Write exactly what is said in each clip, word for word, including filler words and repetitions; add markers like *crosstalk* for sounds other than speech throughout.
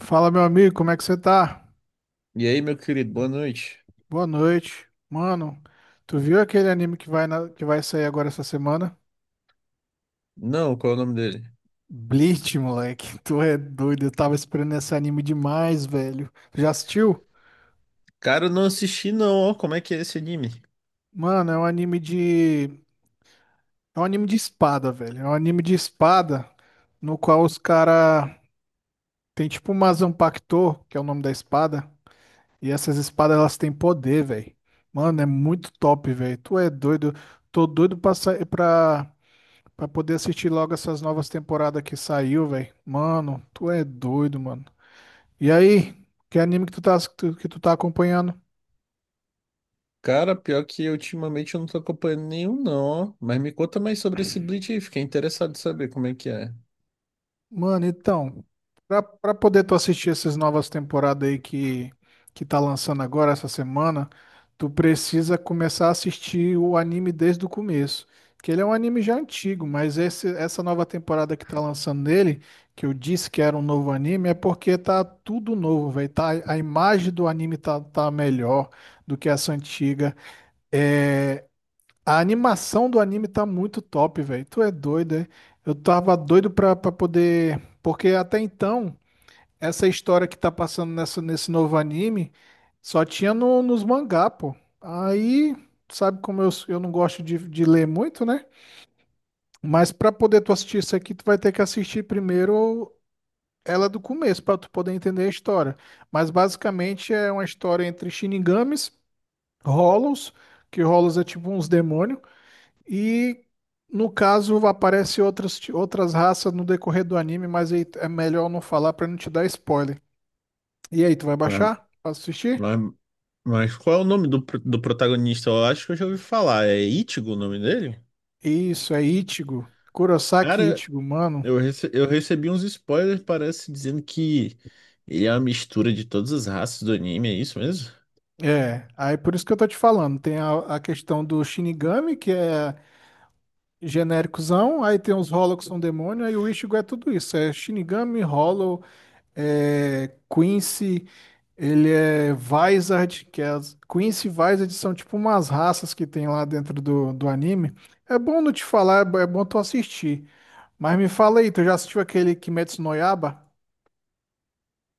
Fala, meu amigo, como é que você tá? E aí, meu querido, boa noite. Boa noite. Mano, tu viu aquele anime que vai, na- que vai sair agora essa semana? Não, qual é o nome dele? Bleach, moleque. *laughs* Tu é doido. Eu tava esperando esse anime demais, velho. Tu já assistiu? Cara, eu não assisti não, ó. Como é que é esse anime? Mano, é um anime de. É um anime de espada, velho. É um anime de espada no qual os cara tem tipo uma Zanpakuto, que é o nome da espada, e essas espadas elas têm poder, velho. Mano, é muito top, velho. Tu é doido. Tô doido pra sair pra Pra poder assistir logo essas novas temporadas que saiu, velho. Mano, tu é doido, mano. E aí, que anime que tu tá, que tu que tu tá acompanhando? Cara, pior que ultimamente eu não tô acompanhando nenhum não, ó. Mas me conta mais sobre esse Bleach aí, fiquei interessado em saber como é que é. Mano, então, pra, pra poder tu assistir essas novas temporadas aí que, que tá lançando agora, essa semana, tu precisa começar a assistir o anime desde o começo. Que ele é um anime já antigo, mas esse, essa nova temporada que tá lançando nele, que eu disse que era um novo anime, é porque tá tudo novo, velho. Tá, a imagem do anime tá, tá melhor do que essa antiga. É, a animação do anime tá muito top, velho. Tu é doido, é? Eu tava doido pra, pra poder. Porque até então, essa história que tá passando nessa, nesse novo anime só tinha no, nos mangá, pô. Aí, sabe como eu, eu não gosto de, de ler muito, né? Mas pra poder tu assistir isso aqui, tu vai ter que assistir primeiro ela do começo, pra tu poder entender a história. Mas basicamente é uma história entre Shinigamis, Hollows, que Hollows é tipo uns demônios. E no caso aparece outras, outras raças no decorrer do anime, mas aí é melhor não falar pra não te dar spoiler. E aí, tu vai Mas, baixar pra assistir? mas, mas qual é o nome do, pro- do protagonista? Eu acho que eu já ouvi falar. É Ichigo o nome dele? Isso, é Ichigo. Kurosaki Cara, Ichigo, mano. eu, rece- eu recebi uns spoilers, parece, dizendo que ele é uma mistura de todas as raças do anime, é isso mesmo? É, aí por isso que eu tô te falando. Tem a, a questão do Shinigami, que é genéricozão, aí tem os Hollow que são demônio, aí o Ichigo é tudo isso. É Shinigami, Hollow, é, Quincy, ele é Vizard, que é as Quincy e Vizard são tipo umas raças que tem lá dentro do, do anime. É bom não te falar, é bo- é bom tu assistir. Mas me fala aí, tu já assistiu aquele Kimetsu no Yaiba?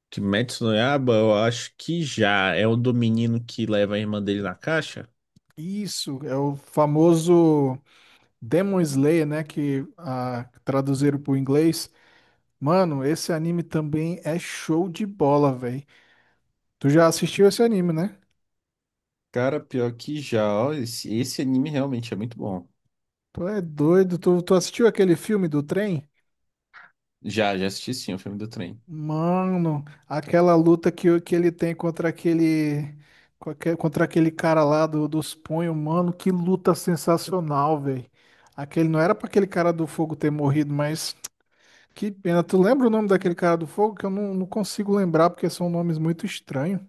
Kimetsu no Yaiba, eu acho que já. É o do menino que leva a irmã dele na caixa? Isso, é o famoso Demon Slayer, né, que ah, traduziram pro inglês. Mano, esse anime também é show de bola, velho. Tu já assistiu esse anime, né? Cara, pior que já, ó, esse, esse anime realmente é muito bom. Tu é doido, tu, tu assistiu aquele filme do trem? Já, já assisti sim o filme do trem. Mano, aquela luta que, o- que ele tem contra aquele com aque- contra aquele cara lá do, dos punhos, mano, que luta sensacional, velho. Aquele não era pra aquele cara do fogo ter morrido, mas que pena. Tu lembra o nome daquele cara do fogo que eu não, não consigo lembrar porque são nomes muito estranhos.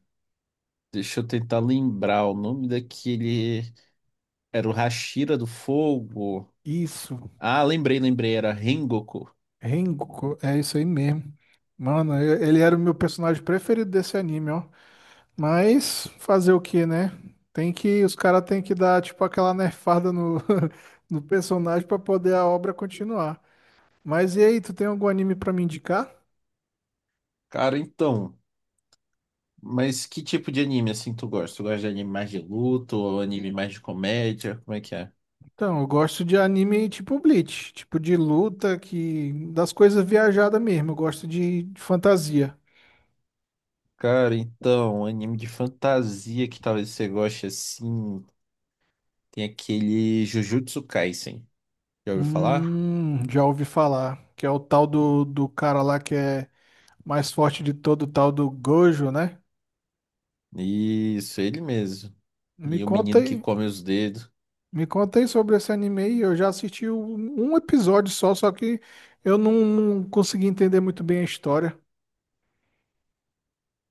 Deixa eu tentar lembrar o nome daquele. Era o Hashira do Fogo. Isso, Ah, lembrei, lembrei, era Rengoku. Rengoku, é isso aí mesmo. Mano, eu- ele era o meu personagem preferido desse anime, ó. Mas fazer o que, né? Tem que, os caras têm que dar tipo aquela nerfada no, *laughs* no personagem pra poder a obra continuar. Mas e aí, tu tem algum anime pra me indicar? Cara, então. Mas que tipo de anime assim tu gosta? Tu gosta de anime mais de luta ou anime mais de comédia? Como é que é? Então, eu gosto de anime tipo Bleach, tipo de luta que das coisas viajadas mesmo. Eu gosto de, de fantasia. Cara, então, anime de fantasia que talvez você goste assim. Tem aquele Jujutsu Kaisen. Já ouviu falar? Hum, já ouvi falar que é o tal do, do cara lá que é mais forte de todo, o tal do Gojo, né? Isso, ele mesmo. Me E o conta menino que aí, come os dedos. Me contei sobre esse anime eu já assisti um um episódio só, só que eu não, não consegui entender muito bem a história.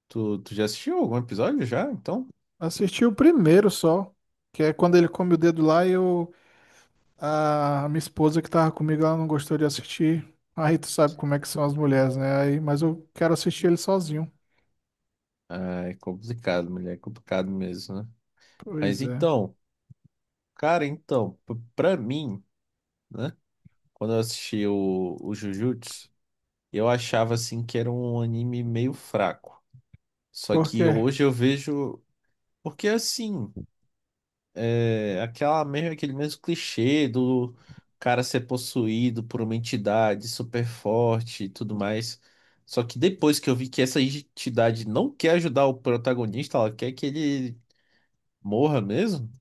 Tu, tu já assistiu algum episódio já? Então? Assisti o primeiro só, que é quando ele come o dedo lá e eu, a minha esposa que tava comigo, ela não gostou de assistir. Aí tu sabe como é que são as mulheres, né? Aí, mas eu quero assistir ele sozinho. Ah, é complicado, mulher. É complicado mesmo, né? Mas Pois é. então, cara, então, p- pra mim, né? Quando eu assisti o, o Jujutsu, eu achava assim que era um anime meio fraco. Só Por que quê? hoje eu vejo. Porque assim. É, aquela mesmo, aquele mesmo clichê do cara ser possuído por uma entidade super forte e tudo mais. Só que depois que eu vi que essa entidade não quer ajudar o protagonista, ela quer que ele morra mesmo.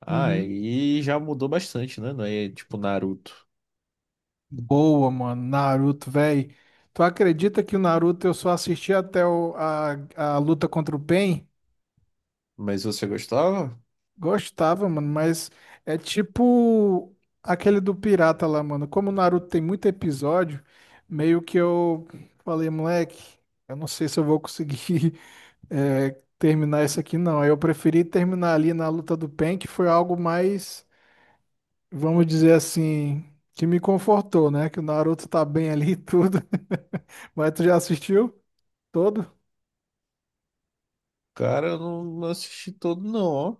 Ah, Uhum. aí já mudou bastante, né? Não é tipo Naruto. Boa, mano. Naruto, véi. Tu acredita que o Naruto eu só assisti até o- a, a luta contra o Pain? Mas você gostava? Gostava, mano, mas é tipo aquele do pirata lá, mano. Como o Naruto tem muito episódio, meio que eu falei, moleque, eu não sei se eu vou conseguir *laughs* eh, terminar isso aqui, não. Aí eu preferi terminar ali na luta do Pen, que foi algo mais, vamos dizer assim, que me confortou, né? Que o Naruto tá bem ali e tudo. *laughs* Mas tu já assistiu todo? Cara, eu não, não assisti todo, não, ó.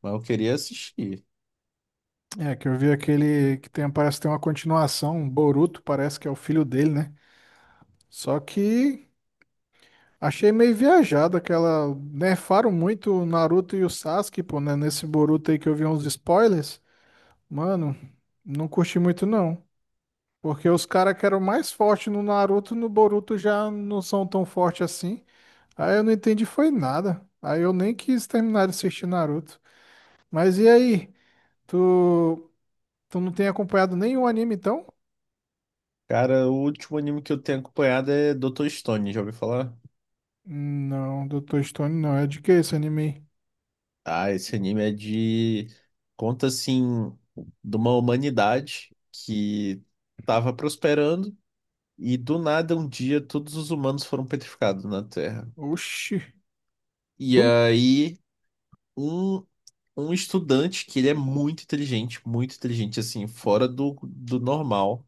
Mas eu queria assistir. É, que eu vi aquele que tem, parece que tem uma continuação, um Boruto, parece que é o filho dele, né? Só que achei meio viajado aquela. Nerfaram muito o Naruto e o Sasuke, pô, né? Nesse Boruto aí que eu vi uns spoilers. Mano, não curti muito não. Porque os caras que eram mais fortes no Naruto, no Boruto já não são tão fortes assim. Aí eu não entendi foi nada. Aí eu nem quis terminar de assistir Naruto. Mas e aí? Tu, tu não tem acompanhado nenhum anime então? Cara, o último anime que eu tenho acompanhado é doutor Stone, já ouviu falar? Não, doutor Stone não. É de que esse anime aí? Ah, esse anime é de. Conta, assim, de uma humanidade que tava prosperando e do nada um dia todos os humanos foram petrificados na Terra. Oxi. E Do... aí, um, um estudante que ele é muito inteligente, muito inteligente, assim, fora do, do normal,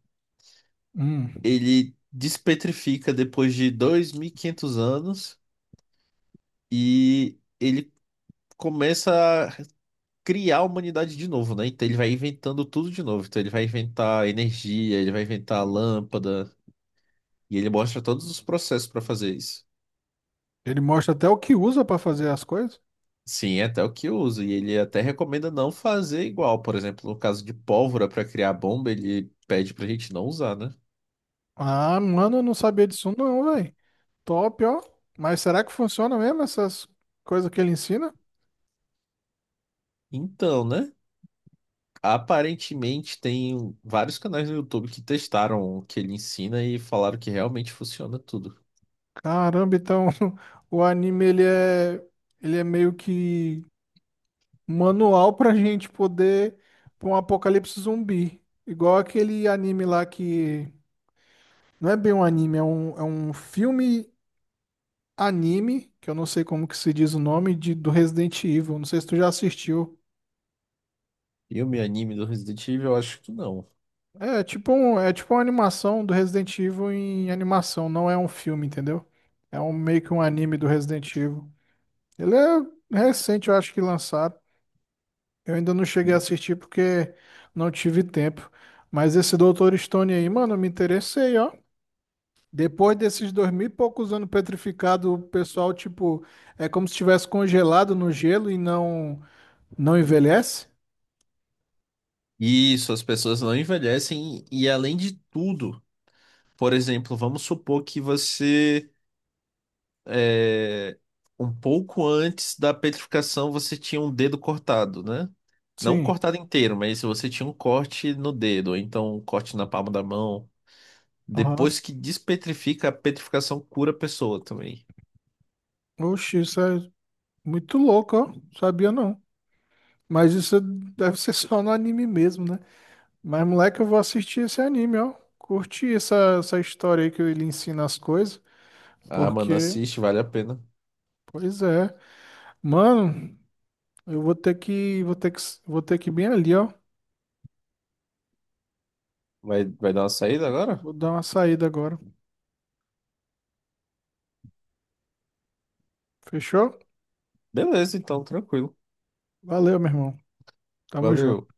Hum. ele despetrifica depois de dois mil e quinhentos anos e ele começa criar a humanidade de novo, né? Então ele vai inventando tudo de novo. Então ele vai inventar energia, ele vai inventar lâmpada, e ele mostra todos os processos para fazer isso. Ele mostra até o que usa pra fazer as coisas. Sim, é até o que usa, e ele até recomenda não fazer igual. Por exemplo, no caso de pólvora para criar bomba, ele pede pra gente não usar, né? Ah, mano, eu não sabia disso não, velho. Top, ó. Mas será que funciona mesmo essas coisas que ele ensina? Então, né? Aparentemente tem vários canais no YouTube que testaram o que ele ensina e falaram que realmente funciona tudo. Caramba, então *laughs* o anime ele é ele é meio que manual pra *laughs* gente poder pra um apocalipse zumbi. Igual aquele anime lá que não é bem um anime, é um, é um filme anime, que eu não sei como que se diz o nome de, do Resident Evil. Não sei se tu já assistiu. E o meu anime do Resident Evil, eu acho que não. É tipo um, é tipo uma animação do Resident Evil em animação, não é um filme, entendeu? É um meio que um anime do Resident Evil. Ele é recente, eu acho que lançaram. Eu ainda não cheguei a assistir porque não tive tempo. Mas esse doutor Stone aí, mano, eu me interessei, ó. Depois desses dois mil e poucos anos petrificado, o pessoal, tipo, é como se estivesse congelado no gelo e não, não envelhece? Isso, as pessoas não envelhecem e além de tudo, por exemplo, vamos supor que você é, um pouco antes da petrificação você tinha um dedo cortado, né? Não Sim. cortado inteiro, mas se você tinha um corte no dedo, ou então um corte na palma da mão, Aham. depois que despetrifica, a petrificação cura a pessoa também. Oxi, isso é muito louco, ó. Sabia não. Mas isso deve ser só no anime mesmo, né? Mas, moleque, eu vou assistir esse anime, ó. Curti essa, essa história aí que ele ensina as coisas, Ah, mano, porque, assiste, vale a pena. pois é. Mano, eu vou ter que, vou ter que, vou ter que ir bem ali, ó. Vai, vai dar uma saída agora? Vou dar uma saída agora. Fechou? Beleza, então, tranquilo. Valeu, meu irmão. Tamo Valeu. junto.